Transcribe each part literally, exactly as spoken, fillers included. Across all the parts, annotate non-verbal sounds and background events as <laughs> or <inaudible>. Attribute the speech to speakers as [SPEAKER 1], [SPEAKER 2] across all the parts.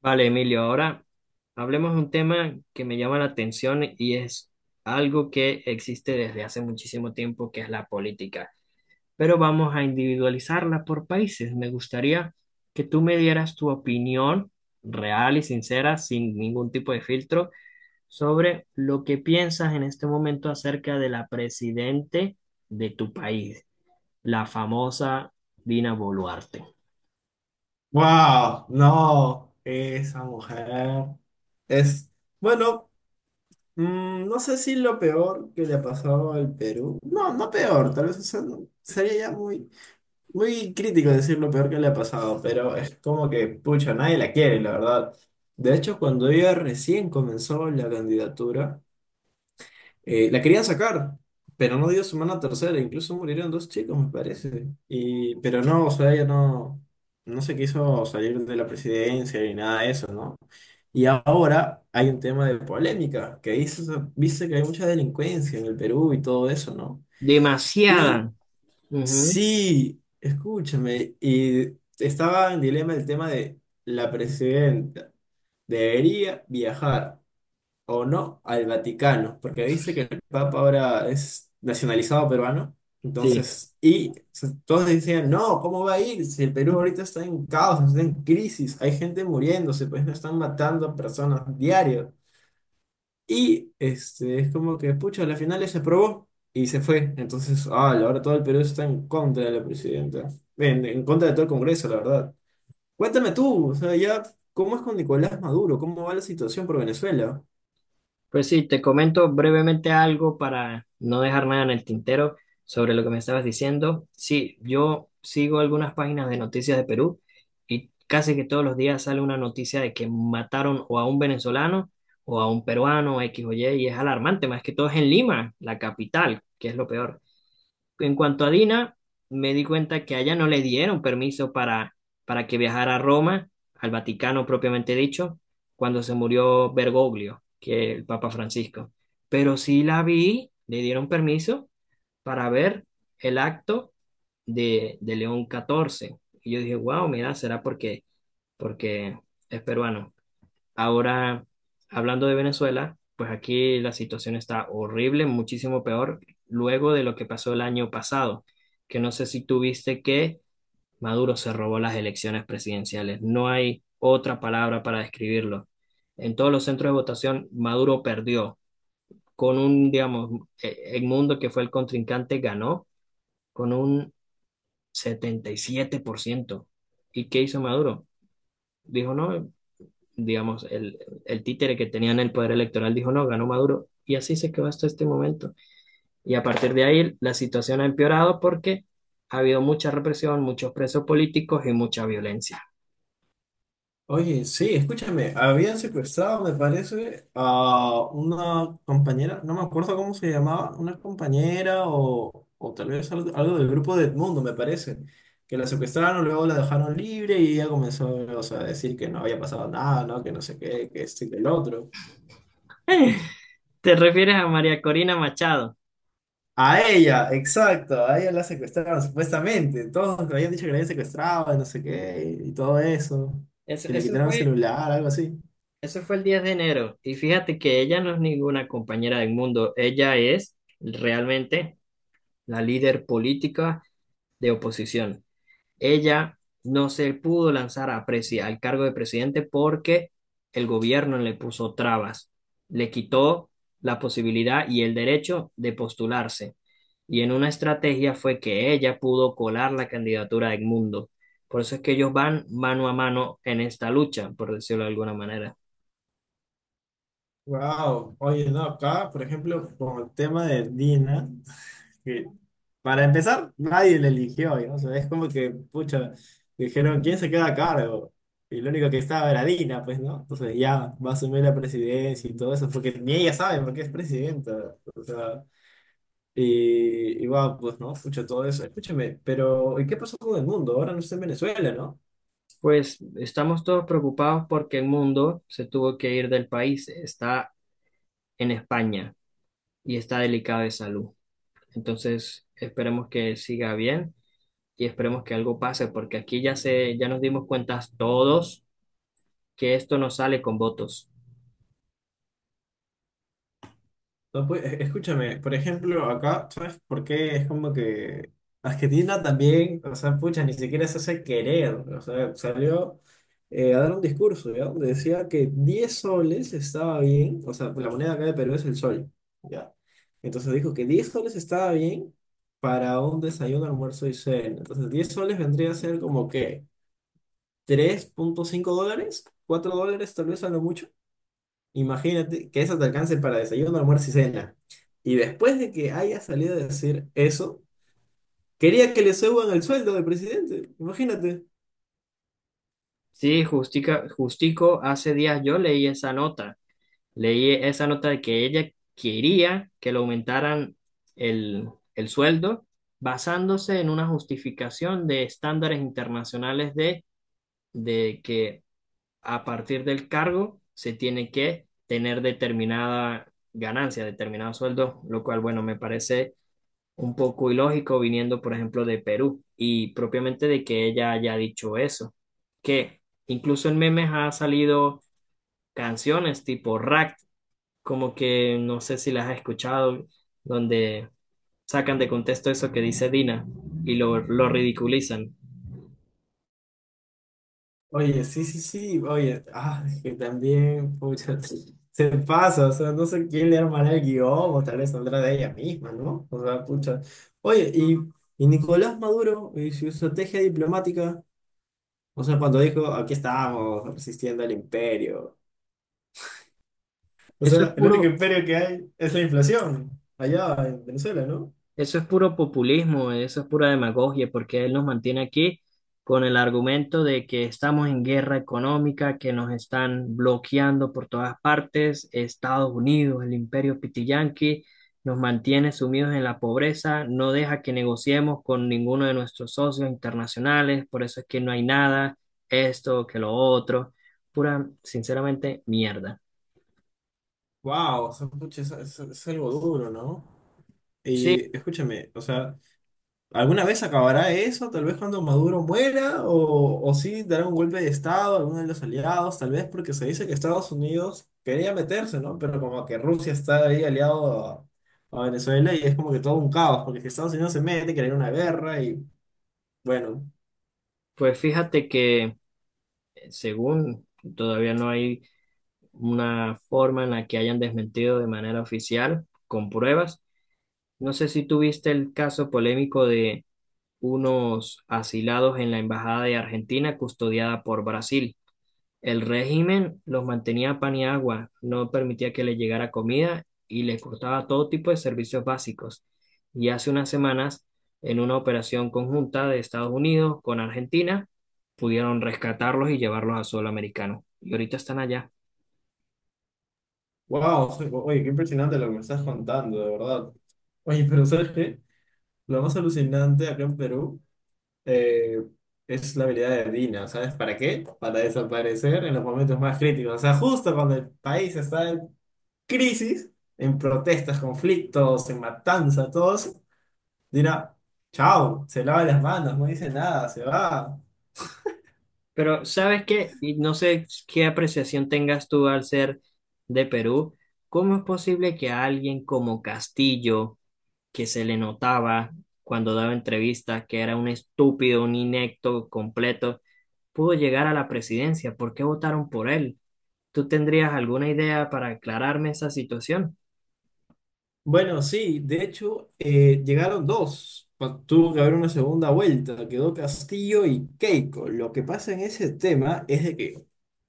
[SPEAKER 1] Vale, Emilio, ahora hablemos de un tema que me llama la atención y es algo que existe desde hace muchísimo tiempo, que es la política. Pero vamos a individualizarla por países. Me gustaría que tú me dieras tu opinión real y sincera, sin ningún tipo de filtro, sobre lo que piensas en este momento acerca de la presidente de tu país, la famosa Dina Boluarte.
[SPEAKER 2] Wow, no, esa mujer es, bueno, mm, no sé si lo peor que le ha pasado al Perú, no, no peor, tal vez o sea, no- sería ya muy, muy crítico decir lo peor que le ha pasado, pero es como que, pucha, nadie la quiere, la verdad. De hecho, cuando ella recién comenzó la candidatura, eh, la querían sacar, pero no dio su semana tercera, incluso murieron dos chicos, me parece. Y, pero no, o sea, ella no, no se quiso salir de la presidencia ni nada de eso, ¿no? Y ahora hay un tema de polémica, que dice, dice que hay mucha delincuencia en el Perú y todo eso, ¿no? Y
[SPEAKER 1] Demasiada. Ujú.
[SPEAKER 2] sí, escúchame, y estaba en dilema el tema de la presidenta, ¿debería viajar o no al Vaticano? Porque dice que el Papa ahora es nacionalizado peruano.
[SPEAKER 1] Sí.
[SPEAKER 2] Entonces, y se- todos decían, no, ¿cómo va a ir? Si el Perú ahorita está en caos, está en crisis, hay gente muriéndose, pues no están matando a personas diario. Y este, es como que, pucha, a la final se aprobó y se fue. Entonces, ah, ahora todo el Perú está en contra de la presidenta, en, en contra de todo el Congreso, la verdad. Cuéntame tú, o sea, ya, ¿cómo es con Nicolás Maduro? ¿Cómo va la situación por Venezuela?
[SPEAKER 1] Pues sí, te comento brevemente algo para no dejar nada en el tintero sobre lo que me estabas diciendo. Sí, yo sigo algunas páginas de noticias de Perú y casi que todos los días sale una noticia de que mataron o a un venezolano o a un peruano, X o Y, y es alarmante, más que todo es en Lima, la capital, que es lo peor. En cuanto a Dina, me di cuenta que a ella no le dieron permiso para, para que viajara a Roma, al Vaticano propiamente dicho, cuando se murió Bergoglio, que el Papa Francisco. Pero sí la vi, le dieron permiso para ver el acto de, de León catorce. Y yo dije, wow, mira, será porque, porque es peruano. Ahora, hablando de Venezuela, pues aquí la situación está horrible, muchísimo peor, luego de lo que pasó el año pasado, que no sé si tuviste que Maduro se robó las elecciones presidenciales. No hay otra palabra para describirlo. En todos los centros de votación, Maduro perdió. Con un, digamos, eh, Edmundo, que fue el contrincante, ganó con un setenta y siete por ciento. ¿Y qué hizo Maduro? Dijo, no, digamos, el, el títere que tenía en el poder electoral dijo, no, ganó Maduro. Y así se quedó hasta este momento. Y a partir de ahí la situación ha empeorado porque ha habido mucha represión, muchos presos políticos y mucha violencia.
[SPEAKER 2] Oye, sí, escúchame, habían secuestrado, me parece, a una compañera, no me acuerdo cómo se llamaba, una compañera o, o tal vez algo, algo del grupo de Edmundo, me parece, que la secuestraron, luego la dejaron libre y ella comenzó, o sea, a decir que no había pasado nada, ¿no? Que no sé qué, que esto y que el otro.
[SPEAKER 1] <laughs> ¿Te refieres a María Corina Machado?
[SPEAKER 2] A ella, exacto, a ella la secuestraron, supuestamente, todos le habían dicho que la habían secuestrado, y no sé qué, y todo eso,
[SPEAKER 1] Eso,
[SPEAKER 2] que le
[SPEAKER 1] eso
[SPEAKER 2] quitaron el
[SPEAKER 1] fue,
[SPEAKER 2] celular, algo así.
[SPEAKER 1] eso fue el diez de enero. Y fíjate que ella no es ninguna compañera del mundo. Ella es realmente la líder política de oposición. Ella no se pudo lanzar a presi- al cargo de presidente porque el gobierno le puso trabas, le quitó la posibilidad y el derecho de postularse. Y en una estrategia fue que ella pudo colar la candidatura de Edmundo. Por eso es que ellos van mano a mano en esta lucha, por decirlo de alguna manera.
[SPEAKER 2] Wow, oye, no, acá, por ejemplo, con el tema de Dina, que para empezar, nadie le eligió, ¿no? O sea, es como que, pucha, dijeron, ¿quién se queda a cargo? Y lo único que estaba era Dina, pues, ¿no? Entonces ya va a asumir la presidencia y todo eso, porque ni ella sabe por qué es presidenta, o sea, y, y wow, pues, ¿no? Pucha, todo eso, escúchame, pero, ¿y qué pasó con el mundo? Ahora no está en Venezuela, ¿no?
[SPEAKER 1] Pues estamos todos preocupados porque Edmundo se tuvo que ir del país, está en España y está delicado de salud. Entonces, esperemos que siga bien y esperemos que algo pase, porque aquí ya se, ya nos dimos cuenta todos que esto no sale con votos.
[SPEAKER 2] No, pues, e- escúchame, por ejemplo, acá, ¿sabes por qué? Es como que Argentina también, o sea, pucha, ni siquiera se hace querer, o sea, salió eh, a dar un discurso, ¿ya? Donde decía que diez soles estaba bien, o sea, la moneda acá de Perú es el sol, ¿ya? Entonces dijo que diez soles estaba bien para un desayuno, almuerzo y cena. Entonces diez soles vendría a ser como que tres punto cinco dólares, cuatro dólares tal vez a lo mucho. Imagínate que eso te alcance para desayuno, almuerzo y cena. Y después de que haya salido a decir eso, quería que le suban el sueldo del presidente. Imagínate.
[SPEAKER 1] Sí, Justica, Justico, hace días yo leí esa nota, leí esa nota de que ella quería que le aumentaran el, el sueldo basándose en una justificación de estándares internacionales de, de que a partir del cargo se tiene que tener determinada ganancia, determinado sueldo, lo cual, bueno, me parece un poco ilógico viniendo, por ejemplo, de Perú y propiamente de que ella haya dicho eso, que incluso en memes ha salido canciones tipo Rack, como que no sé si las has escuchado, donde sacan de contexto eso que dice Dina y lo, lo ridiculizan.
[SPEAKER 2] Oye, sí, sí, sí, oye, ah, que también, pucha, se pasa, o sea, no sé quién le armará el guión, o tal vez saldrá de ella misma, ¿no? O sea, pucha. Oye, y, y Nicolás Maduro y su estrategia diplomática, o sea, cuando dijo, aquí estamos, resistiendo al imperio. O
[SPEAKER 1] Eso es
[SPEAKER 2] sea, el único
[SPEAKER 1] puro,
[SPEAKER 2] imperio que hay es la inflación, allá en Venezuela, ¿no?
[SPEAKER 1] Eso es puro populismo, eso es pura demagogia, porque él nos mantiene aquí con el argumento de que estamos en guerra económica, que nos están bloqueando por todas partes, Estados Unidos, el imperio pitiyanqui, nos mantiene sumidos en la pobreza, no deja que negociemos con ninguno de nuestros socios internacionales, por eso es que no hay nada, esto, que lo otro, pura, sinceramente, mierda.
[SPEAKER 2] Wow, o sea, pucha, es, es- es algo duro, ¿no?
[SPEAKER 1] Sí,
[SPEAKER 2] Y escúchame, o sea, ¿alguna vez acabará eso? Tal vez cuando Maduro muera, o, o sí dará un golpe de Estado a alguno de los aliados, tal vez porque se dice que Estados Unidos quería meterse, ¿no? Pero como que Rusia está ahí aliado a, a Venezuela y es como que todo un caos, porque si Estados Unidos se mete, querer una guerra y bueno.
[SPEAKER 1] pues fíjate que eh, según todavía no hay una forma en la que hayan desmentido de manera oficial, con pruebas. No sé si tuviste el caso polémico de unos asilados en la Embajada de Argentina custodiada por Brasil. El régimen los mantenía a pan y agua, no permitía que les llegara comida y les cortaba todo tipo de servicios básicos. Y hace unas semanas, en una operación conjunta de Estados Unidos con Argentina, pudieron rescatarlos y llevarlos a suelo americano. Y ahorita están allá.
[SPEAKER 2] Wow, oye, qué impresionante lo que me estás contando, de verdad. Oye, pero ¿sabes qué? Lo más alucinante acá en Perú eh, es la habilidad de Dina, ¿sabes para qué? Para desaparecer en los momentos más críticos. O sea, justo cuando el país está en crisis, en protestas, conflictos, en matanza, todos, Dina, chao, se lava las manos, no dice nada, se va.
[SPEAKER 1] Pero, ¿sabes qué? Y no sé qué apreciación tengas tú al ser de Perú. ¿Cómo es posible que a alguien como Castillo, que se le notaba cuando daba entrevistas que era un estúpido, un inepto completo, pudo llegar a la presidencia? ¿Por qué votaron por él? ¿Tú tendrías alguna idea para aclararme esa situación?
[SPEAKER 2] Bueno, sí, de hecho, eh, llegaron dos. Pa- Tuvo que haber una segunda vuelta. Quedó Castillo y Keiko. Lo que pasa en ese tema es de que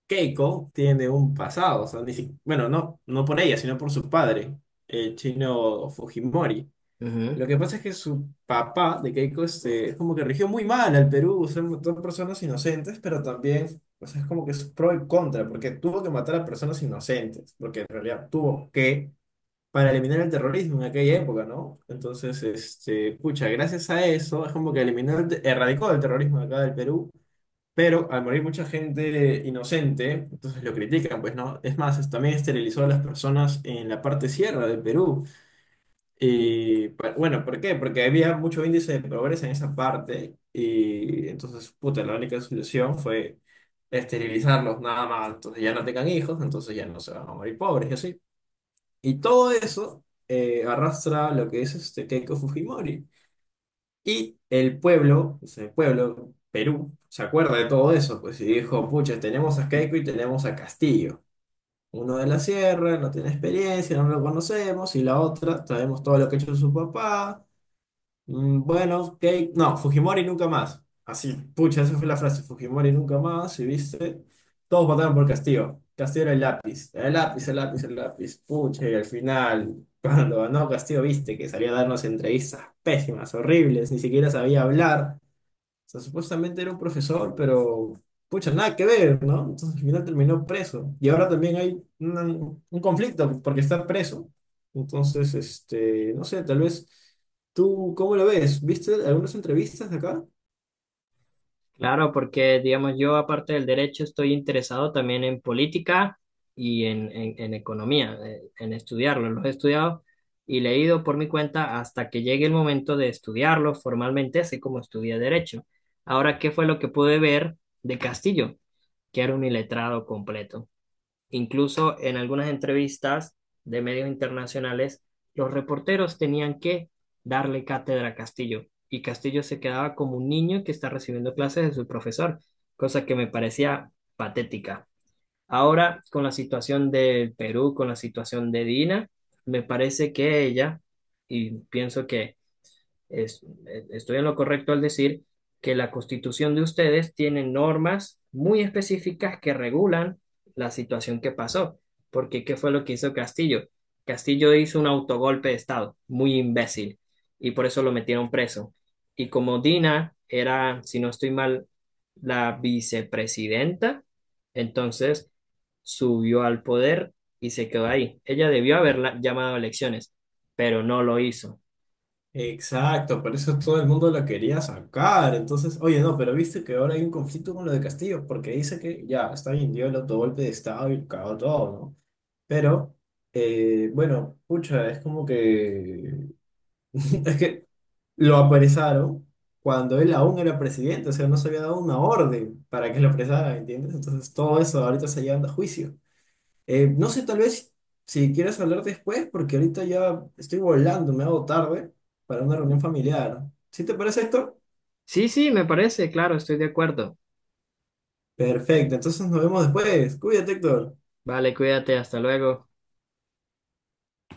[SPEAKER 2] Keiko tiene un pasado. O sea, ni si- bueno, no, no por ella, sino por su padre, el chino Fujimori.
[SPEAKER 1] Ujú.
[SPEAKER 2] Lo que pasa es que su papá de Keiko este, es como que rigió muy mal al Perú. Son, son personas inocentes, pero también, o sea, es como que es pro y contra, porque tuvo que matar a personas inocentes, porque en realidad tuvo que para eliminar el terrorismo en aquella época, ¿no? Entonces, este, pucha, gracias a eso es como que eliminó, el te- erradicó el terrorismo de acá del Perú, pero al morir mucha gente inocente, entonces lo critican, pues, ¿no? Es más, es- también esterilizó a las personas en la parte sierra del Perú. Y, pa- bueno, ¿por qué? Porque había mucho índice de pobreza en esa parte y entonces, puta, la única solución fue esterilizarlos nada más, entonces ya no tengan hijos, entonces ya no se van a morir pobres y así. Y todo eso eh, arrastra lo que es este Keiko Fujimori. Y el pueblo, pues el pueblo, Perú, se acuerda de todo eso, pues, y dijo, pucha, tenemos a Keiko y tenemos a Castillo. Uno de la sierra, no tiene experiencia, no lo conocemos, y la otra, sabemos todo lo que ha hecho su papá, mm, bueno, ok. No, Fujimori nunca más. Así, pucha, esa fue la frase. Fujimori nunca más, y viste. Todos votaron por Castillo. Castillo era el lápiz. El lápiz, el lápiz, el lápiz. Pucha, y al final, <laughs> cuando ganó Castillo, viste que salió a darnos entrevistas pésimas, horribles, ni siquiera sabía hablar sea, supuestamente era un profesor, pero pucha, nada que ver, ¿no? Entonces al final terminó preso. Y ahora también hay una- un conflicto porque está preso. Entonces, este, no sé, tal vez tú, ¿cómo lo ves? ¿Viste algunas entrevistas de acá?
[SPEAKER 1] Claro, porque digamos yo aparte del derecho estoy interesado también en política y en, en, en economía, eh, en estudiarlo. Los he estudiado y leído por mi cuenta hasta que llegue el momento de estudiarlo formalmente, así como estudié derecho. Ahora, ¿qué fue lo que pude ver de Castillo? Que era un iletrado completo. Incluso en algunas entrevistas de medios internacionales, los reporteros tenían que darle cátedra a Castillo y Castillo se quedaba como un niño que está recibiendo clases de su profesor, cosa que me parecía patética. Ahora, con la situación del Perú, con la situación de Dina, me parece que ella, y pienso que es- eh, estoy en lo correcto al decir que la constitución de ustedes tiene normas muy específicas que regulan la situación que pasó. Porque, ¿qué fue lo que hizo Castillo? Castillo hizo un autogolpe de Estado, muy imbécil, y por eso lo metieron preso. Y como Dina era, si no estoy mal, la vicepresidenta, entonces subió al poder y se quedó ahí. Ella debió haber llamado a elecciones, pero no lo hizo.
[SPEAKER 2] Exacto, por eso todo el mundo la quería sacar. Entonces, oye, no, pero viste que ahora hay un conflicto con lo de Castillo, porque dice que ya, está bien, dio el autogolpe de Estado y cagó todo, ¿no? Pero, eh, bueno, pucha, es como que. <laughs> Es que lo apresaron cuando él aún era presidente, o sea, no se había dado una orden para que lo apresaran, ¿entiendes? Entonces todo eso ahorita está llevando a juicio. Eh, no sé, tal vez si quieres hablar después, porque ahorita ya estoy volando, me hago tarde para una reunión familiar. ¿Sí te parece, Héctor?
[SPEAKER 1] Sí, sí, me parece, claro, estoy de acuerdo.
[SPEAKER 2] Perfecto, entonces nos vemos después. Cuídate, Héctor.
[SPEAKER 1] Vale, cuídate, hasta luego.